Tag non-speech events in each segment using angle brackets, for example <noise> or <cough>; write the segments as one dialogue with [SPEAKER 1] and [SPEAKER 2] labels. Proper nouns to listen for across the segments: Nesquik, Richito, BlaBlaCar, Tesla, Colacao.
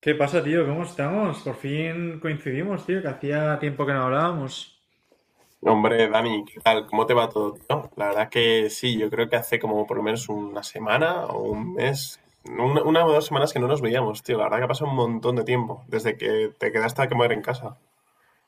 [SPEAKER 1] ¿Qué pasa, tío? ¿Cómo estamos? Por fin coincidimos, tío, que hacía tiempo que no hablábamos.
[SPEAKER 2] Hombre, Dani, ¿qué tal? ¿Cómo te va todo, tío? La verdad que sí, yo creo que hace como por lo menos una semana o un mes, una o dos semanas que no nos veíamos, tío. La verdad que ha pasado un montón de tiempo, desde que te quedaste a quemar en casa.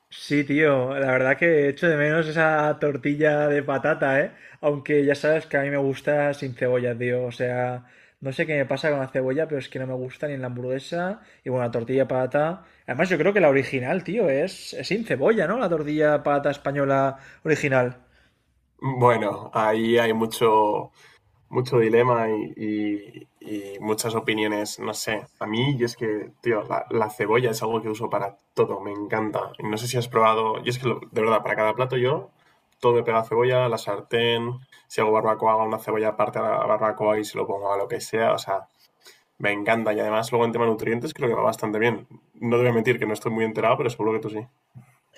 [SPEAKER 1] Sí, tío, la verdad que echo de menos esa tortilla de patata, ¿eh? Aunque ya sabes que a mí me gusta sin cebolla, tío. O sea, no sé qué me pasa con la cebolla, pero es que no me gusta ni en la hamburguesa. Y bueno, la tortilla de patata. Además, yo creo que la original, tío, es sin cebolla, ¿no? La tortilla de patata española original.
[SPEAKER 2] Bueno, ahí hay mucho dilema y muchas opiniones, no sé. A mí, yo es que, tío, la cebolla es algo que uso para todo, me encanta. Y no sé si has probado, yo es que, de verdad, para cada plato yo, todo me pega cebolla, la sartén, si hago barbacoa, hago una cebolla aparte a la barbacoa y se lo pongo a lo que sea, o sea, me encanta. Y además, luego en tema nutrientes creo que va bastante bien. No te voy a mentir que no estoy muy enterado, pero seguro que tú sí.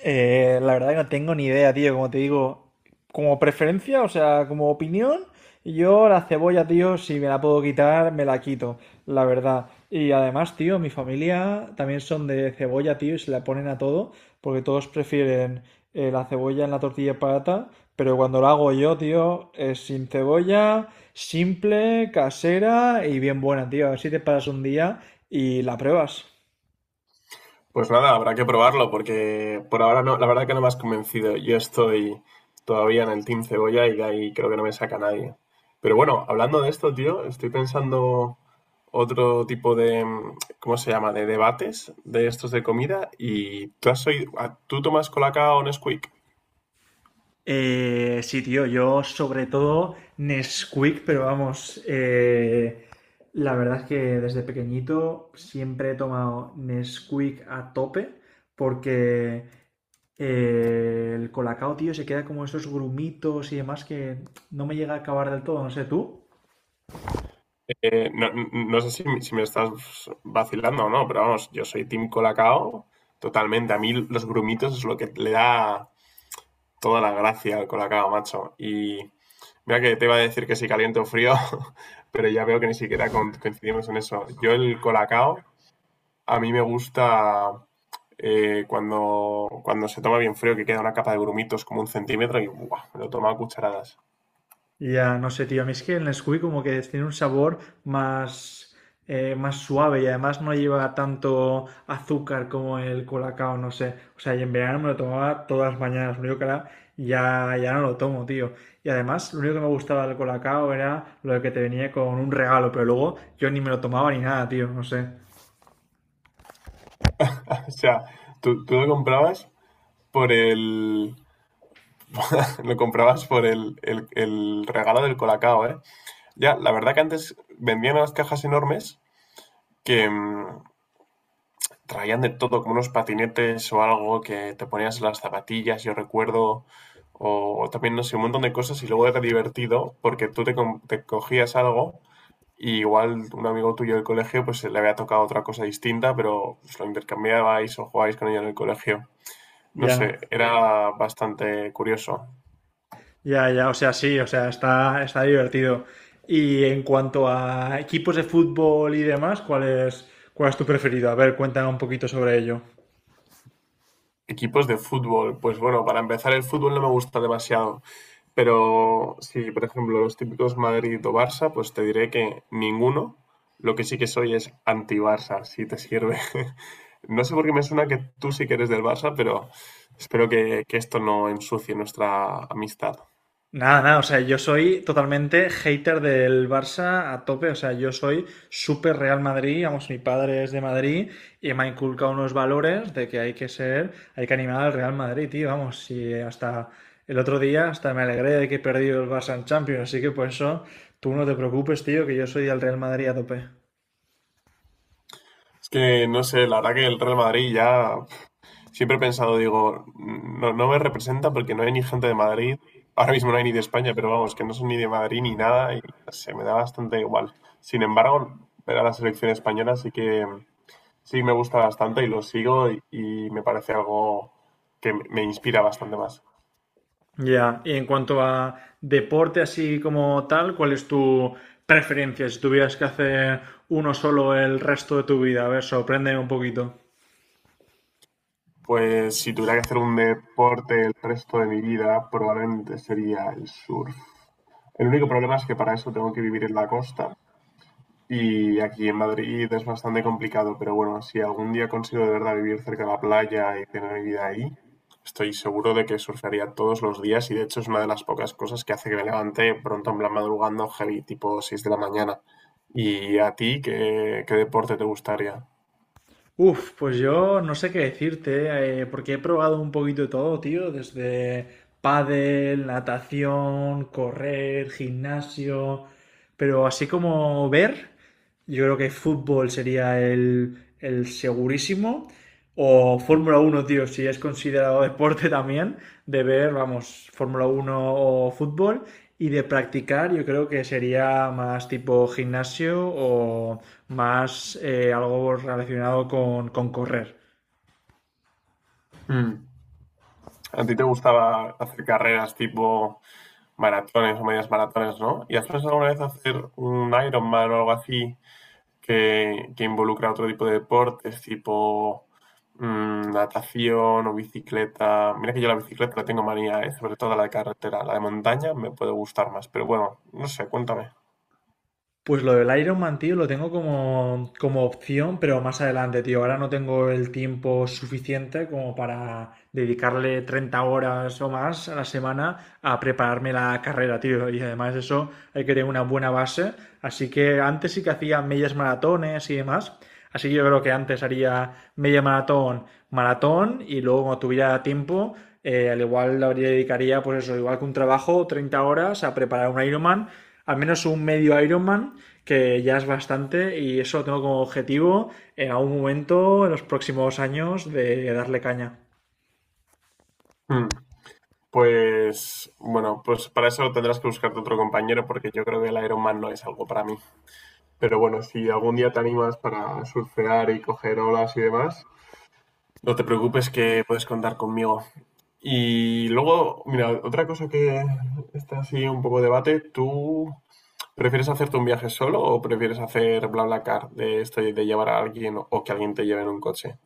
[SPEAKER 1] La verdad que no tengo ni idea, tío. Como te digo, como preferencia, o sea, como opinión, yo la cebolla, tío, si me la puedo quitar, me la quito, la verdad. Y además, tío, mi familia también son de cebolla, tío, y se la ponen a todo, porque todos prefieren la cebolla en la tortilla patata, pero cuando la hago yo, tío, es sin cebolla, simple, casera y bien buena, tío. A ver si te paras un día y la pruebas.
[SPEAKER 2] Pues nada, habrá que probarlo porque por ahora no, la verdad que no me has convencido. Yo estoy todavía en el Team Cebolla y de ahí creo que no me saca nadie. Pero bueno, hablando de esto, tío, estoy pensando otro tipo de, ¿cómo se llama?, de debates de estos de comida y tú has oído, ah, ¿tú tomas Colacao o Nesquik?
[SPEAKER 1] Sí, tío, yo sobre todo Nesquik, pero vamos, la verdad es que desde pequeñito siempre he tomado Nesquik a tope porque el colacao, tío, se queda como esos grumitos y demás que no me llega a acabar del todo, no sé tú.
[SPEAKER 2] No, no sé si, me si me estás vacilando o no, pero vamos, yo soy Team Colacao totalmente. A mí los grumitos es lo que le da toda la gracia al Colacao, macho. Y mira que te iba a decir que si caliente o frío, <laughs> pero ya veo que ni siquiera coincidimos en eso. Yo el Colacao, a mí me gusta cuando se toma bien frío, que queda una capa de grumitos como 1 cm y ¡buah! Me lo tomaba a cucharadas.
[SPEAKER 1] Ya, no sé, tío. A mí es que el Nesquik como que tiene un sabor más, más suave y además no lleva tanto azúcar como el colacao, no sé. O sea, y en verano me lo tomaba todas las mañanas. Lo único que ahora ya no lo tomo, tío. Y además, lo único que me gustaba del colacao era lo que te venía con un regalo, pero luego yo ni me lo tomaba ni nada, tío. No sé.
[SPEAKER 2] <laughs> O sea, tú lo comprabas por el… <laughs> Lo comprabas por el regalo del Colacao, ¿eh? Ya, la verdad que antes vendían unas cajas enormes que, traían de todo, como unos patinetes o algo que te ponías en las zapatillas, yo recuerdo, o también, no sé, un montón de cosas y luego era divertido porque te cogías algo y igual un amigo tuyo del colegio pues le había tocado otra cosa distinta, pero pues, lo intercambiabais o jugabais con ella en el colegio. No
[SPEAKER 1] Ya.
[SPEAKER 2] sé, era bastante curioso.
[SPEAKER 1] Ya, ya, o sea, sí, o sea, está divertido. Y en cuanto a equipos de fútbol y demás, ¿ cuál es tu preferido? A ver, cuéntame un poquito sobre ello.
[SPEAKER 2] Equipos de fútbol, pues bueno, para empezar el fútbol no me gusta demasiado. Pero si, por ejemplo, los típicos Madrid o Barça, pues te diré que ninguno. Lo que sí que soy es anti-Barça, si te sirve. <laughs> No sé por qué me suena que tú sí que eres del Barça, pero espero que esto no ensucie nuestra amistad.
[SPEAKER 1] Nada, nada, o sea, yo soy totalmente hater del Barça a tope, o sea, yo soy súper Real Madrid, vamos, mi padre es de Madrid y me ha inculcado unos valores de que hay que ser, hay que animar al Real Madrid, tío, vamos, y hasta el otro día hasta me alegré de que he perdido el Barça en Champions, así que por eso tú no te preocupes, tío, que yo soy del Real Madrid a tope.
[SPEAKER 2] Es que, no sé, la verdad que el Real Madrid ya siempre he pensado, digo, no, no me representa porque no hay ni gente de Madrid. Ahora mismo no hay ni de España, pero vamos, que no son ni de Madrid ni nada y se me da bastante igual. Sin embargo, ver a la selección española sí que sí, me gusta bastante y lo sigo y me parece algo que me inspira bastante más.
[SPEAKER 1] Ya, y en cuanto a deporte así como tal, ¿cuál es tu preferencia si tuvieras que hacer uno solo el resto de tu vida? A ver, sorpréndeme un poquito.
[SPEAKER 2] Pues si tuviera que hacer un deporte el resto de mi vida, probablemente sería el surf. El único problema es que para eso tengo que vivir en la costa. Y aquí en Madrid es bastante complicado, pero bueno, si algún día consigo de verdad vivir cerca de la playa y tener mi vida ahí, estoy seguro de que surfearía todos los días, y de hecho es una de las pocas cosas que hace que me levante pronto en plan madrugando heavy, tipo 6 de la mañana. ¿Y a ti qué deporte te gustaría?
[SPEAKER 1] Uf, pues yo no sé qué decirte, porque he probado un poquito de todo, tío, desde pádel, natación, correr, gimnasio, pero así como ver, yo creo que fútbol sería el segurísimo. O Fórmula 1 tío, si es considerado deporte también, de ver, vamos, Fórmula 1 o fútbol y de practicar yo creo que sería más tipo gimnasio o más algo relacionado con correr.
[SPEAKER 2] Mm. A ti te gustaba hacer carreras tipo maratones o medias maratones, ¿no? ¿Y has pensado alguna vez hacer un Ironman o algo así que involucra otro tipo de deportes, tipo natación o bicicleta? Mira que yo la bicicleta la tengo manía, ¿eh? Sobre todo la de carretera. La de montaña me puede gustar más, pero bueno, no sé, cuéntame.
[SPEAKER 1] Pues lo del Iron Man, tío, lo tengo como opción, pero más adelante, tío. Ahora no tengo el tiempo suficiente como para dedicarle 30 horas o más a la semana a prepararme la carrera, tío. Y además eso hay que tener una buena base. Así que antes sí que hacía medias maratones y demás. Así que yo creo que antes haría media maratón, maratón y luego cuando tuviera tiempo, al igual le habría- dedicaría, pues eso, igual que un trabajo, 30 horas a preparar un Ironman, al menos un medio Ironman, que ya es bastante, y eso lo tengo como objetivo en algún momento, en los próximos años, de darle caña.
[SPEAKER 2] Mm, Pues bueno, pues para eso tendrás que buscarte otro compañero porque yo creo que el Ironman no es algo para mí. Pero bueno, si algún día te animas para surfear y coger olas y demás, no te preocupes que puedes contar conmigo. Y luego, mira, otra cosa que está así un poco debate, ¿tú prefieres hacerte un viaje solo o prefieres hacer BlaBlaCar de esto y de llevar a alguien o que alguien te lleve en un coche?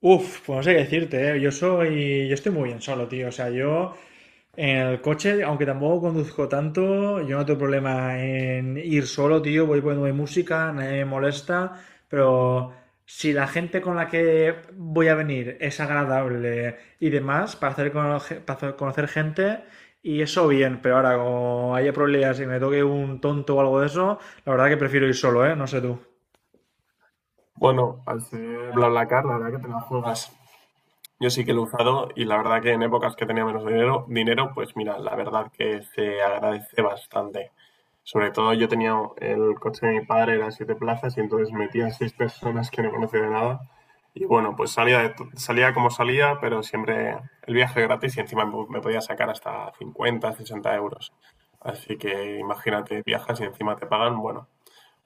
[SPEAKER 1] Uf, pues no sé qué decirte, ¿eh? Yo estoy muy bien solo, tío. O sea, yo en el coche, aunque tampoco conduzco tanto, yo no tengo problema en ir solo, tío. Voy poniendo mi música, nadie me molesta, pero si la gente con la que voy a venir es agradable y demás, para hacer conocer gente, y eso bien, pero ahora como haya problemas y me toque un tonto o algo de eso, la verdad que prefiero ir solo, ¿eh? No sé tú.
[SPEAKER 2] Bueno, al ser BlaBlaCar, la verdad que te la juegas. Yo sí que lo he usado y la verdad que en épocas que tenía menos dinero, pues mira, la verdad que se agradece bastante. Sobre todo yo tenía el coche de mi padre, era 7 plazas y entonces metía 6 personas que no conocía de nada. Y bueno, pues salía, salía como salía, pero siempre el viaje gratis y encima me podía sacar hasta 50-60 euros. Así que imagínate, viajas y encima te pagan, bueno,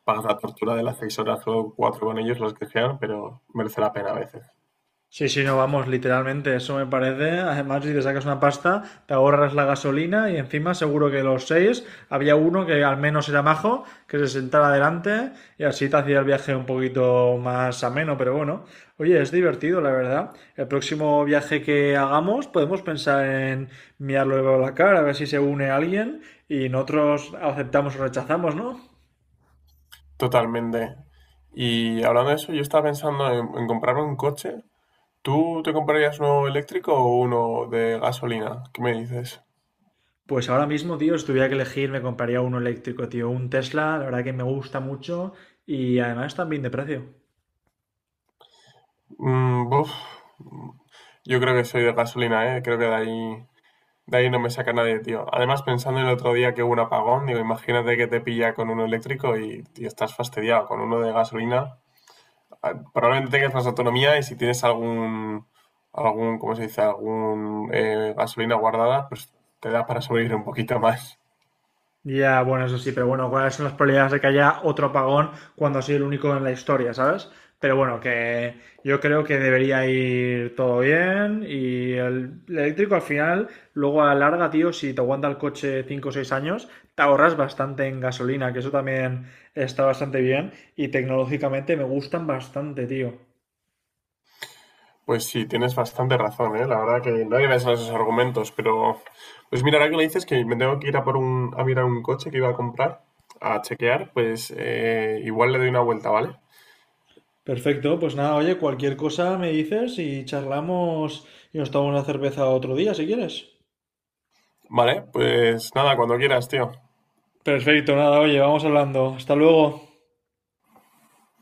[SPEAKER 2] pagas la tortura de las 6 horas o 4 con ellos, los que sean, pero merece la pena a veces.
[SPEAKER 1] Sí, sí, no, vamos, literalmente, eso me parece. Además, si te sacas una pasta, te ahorras la gasolina y encima seguro que los seis había uno que al menos era majo, que se sentara adelante y así te hacía el viaje un poquito más ameno, pero bueno. Oye, es divertido, la verdad. El próximo viaje que hagamos podemos pensar en mirarlo de cara, a ver si se une alguien y nosotros aceptamos o rechazamos, ¿no?
[SPEAKER 2] Totalmente. Y hablando de eso, yo estaba pensando en comprarme un coche. ¿Tú te comprarías uno eléctrico o uno de gasolina? ¿Qué me dices?
[SPEAKER 1] Pues ahora mismo, tío, si tuviera que elegir, me compraría uno eléctrico, tío. Un Tesla, la verdad que me gusta mucho y además también de precio.
[SPEAKER 2] Mm, buf, yo creo que soy de gasolina, ¿eh? Creo que de ahí no me saca nadie, tío. Además, pensando en el otro día que hubo un apagón, digo, imagínate que te pilla con uno eléctrico y estás fastidiado con uno de gasolina. Probablemente tengas más autonomía y si tienes algún, ¿cómo se dice? Algún gasolina guardada, pues te da para sobrevivir un poquito más.
[SPEAKER 1] Ya, bueno, eso sí, pero bueno, ¿cuáles son las probabilidades de que haya otro apagón cuando soy el único en la historia, ¿sabes? Pero bueno, que yo creo que debería ir todo bien y el eléctrico al final, luego a la larga, tío, si te aguanta el coche 5 o 6 años, te ahorras bastante en gasolina, que eso también está bastante bien y tecnológicamente me gustan bastante, tío.
[SPEAKER 2] Pues sí, tienes bastante razón, ¿eh? La verdad que no había pensado en esos argumentos, pero pues mira, ahora que lo dices que me tengo que ir a por a mirar un coche que iba a comprar, a chequear, pues igual le doy una vuelta, ¿vale?
[SPEAKER 1] Perfecto, pues nada, oye, cualquier cosa me dices y charlamos y nos tomamos una cerveza otro día si quieres.
[SPEAKER 2] Vale, pues nada, cuando quieras, tío.
[SPEAKER 1] Perfecto, nada, oye, vamos hablando. Hasta luego.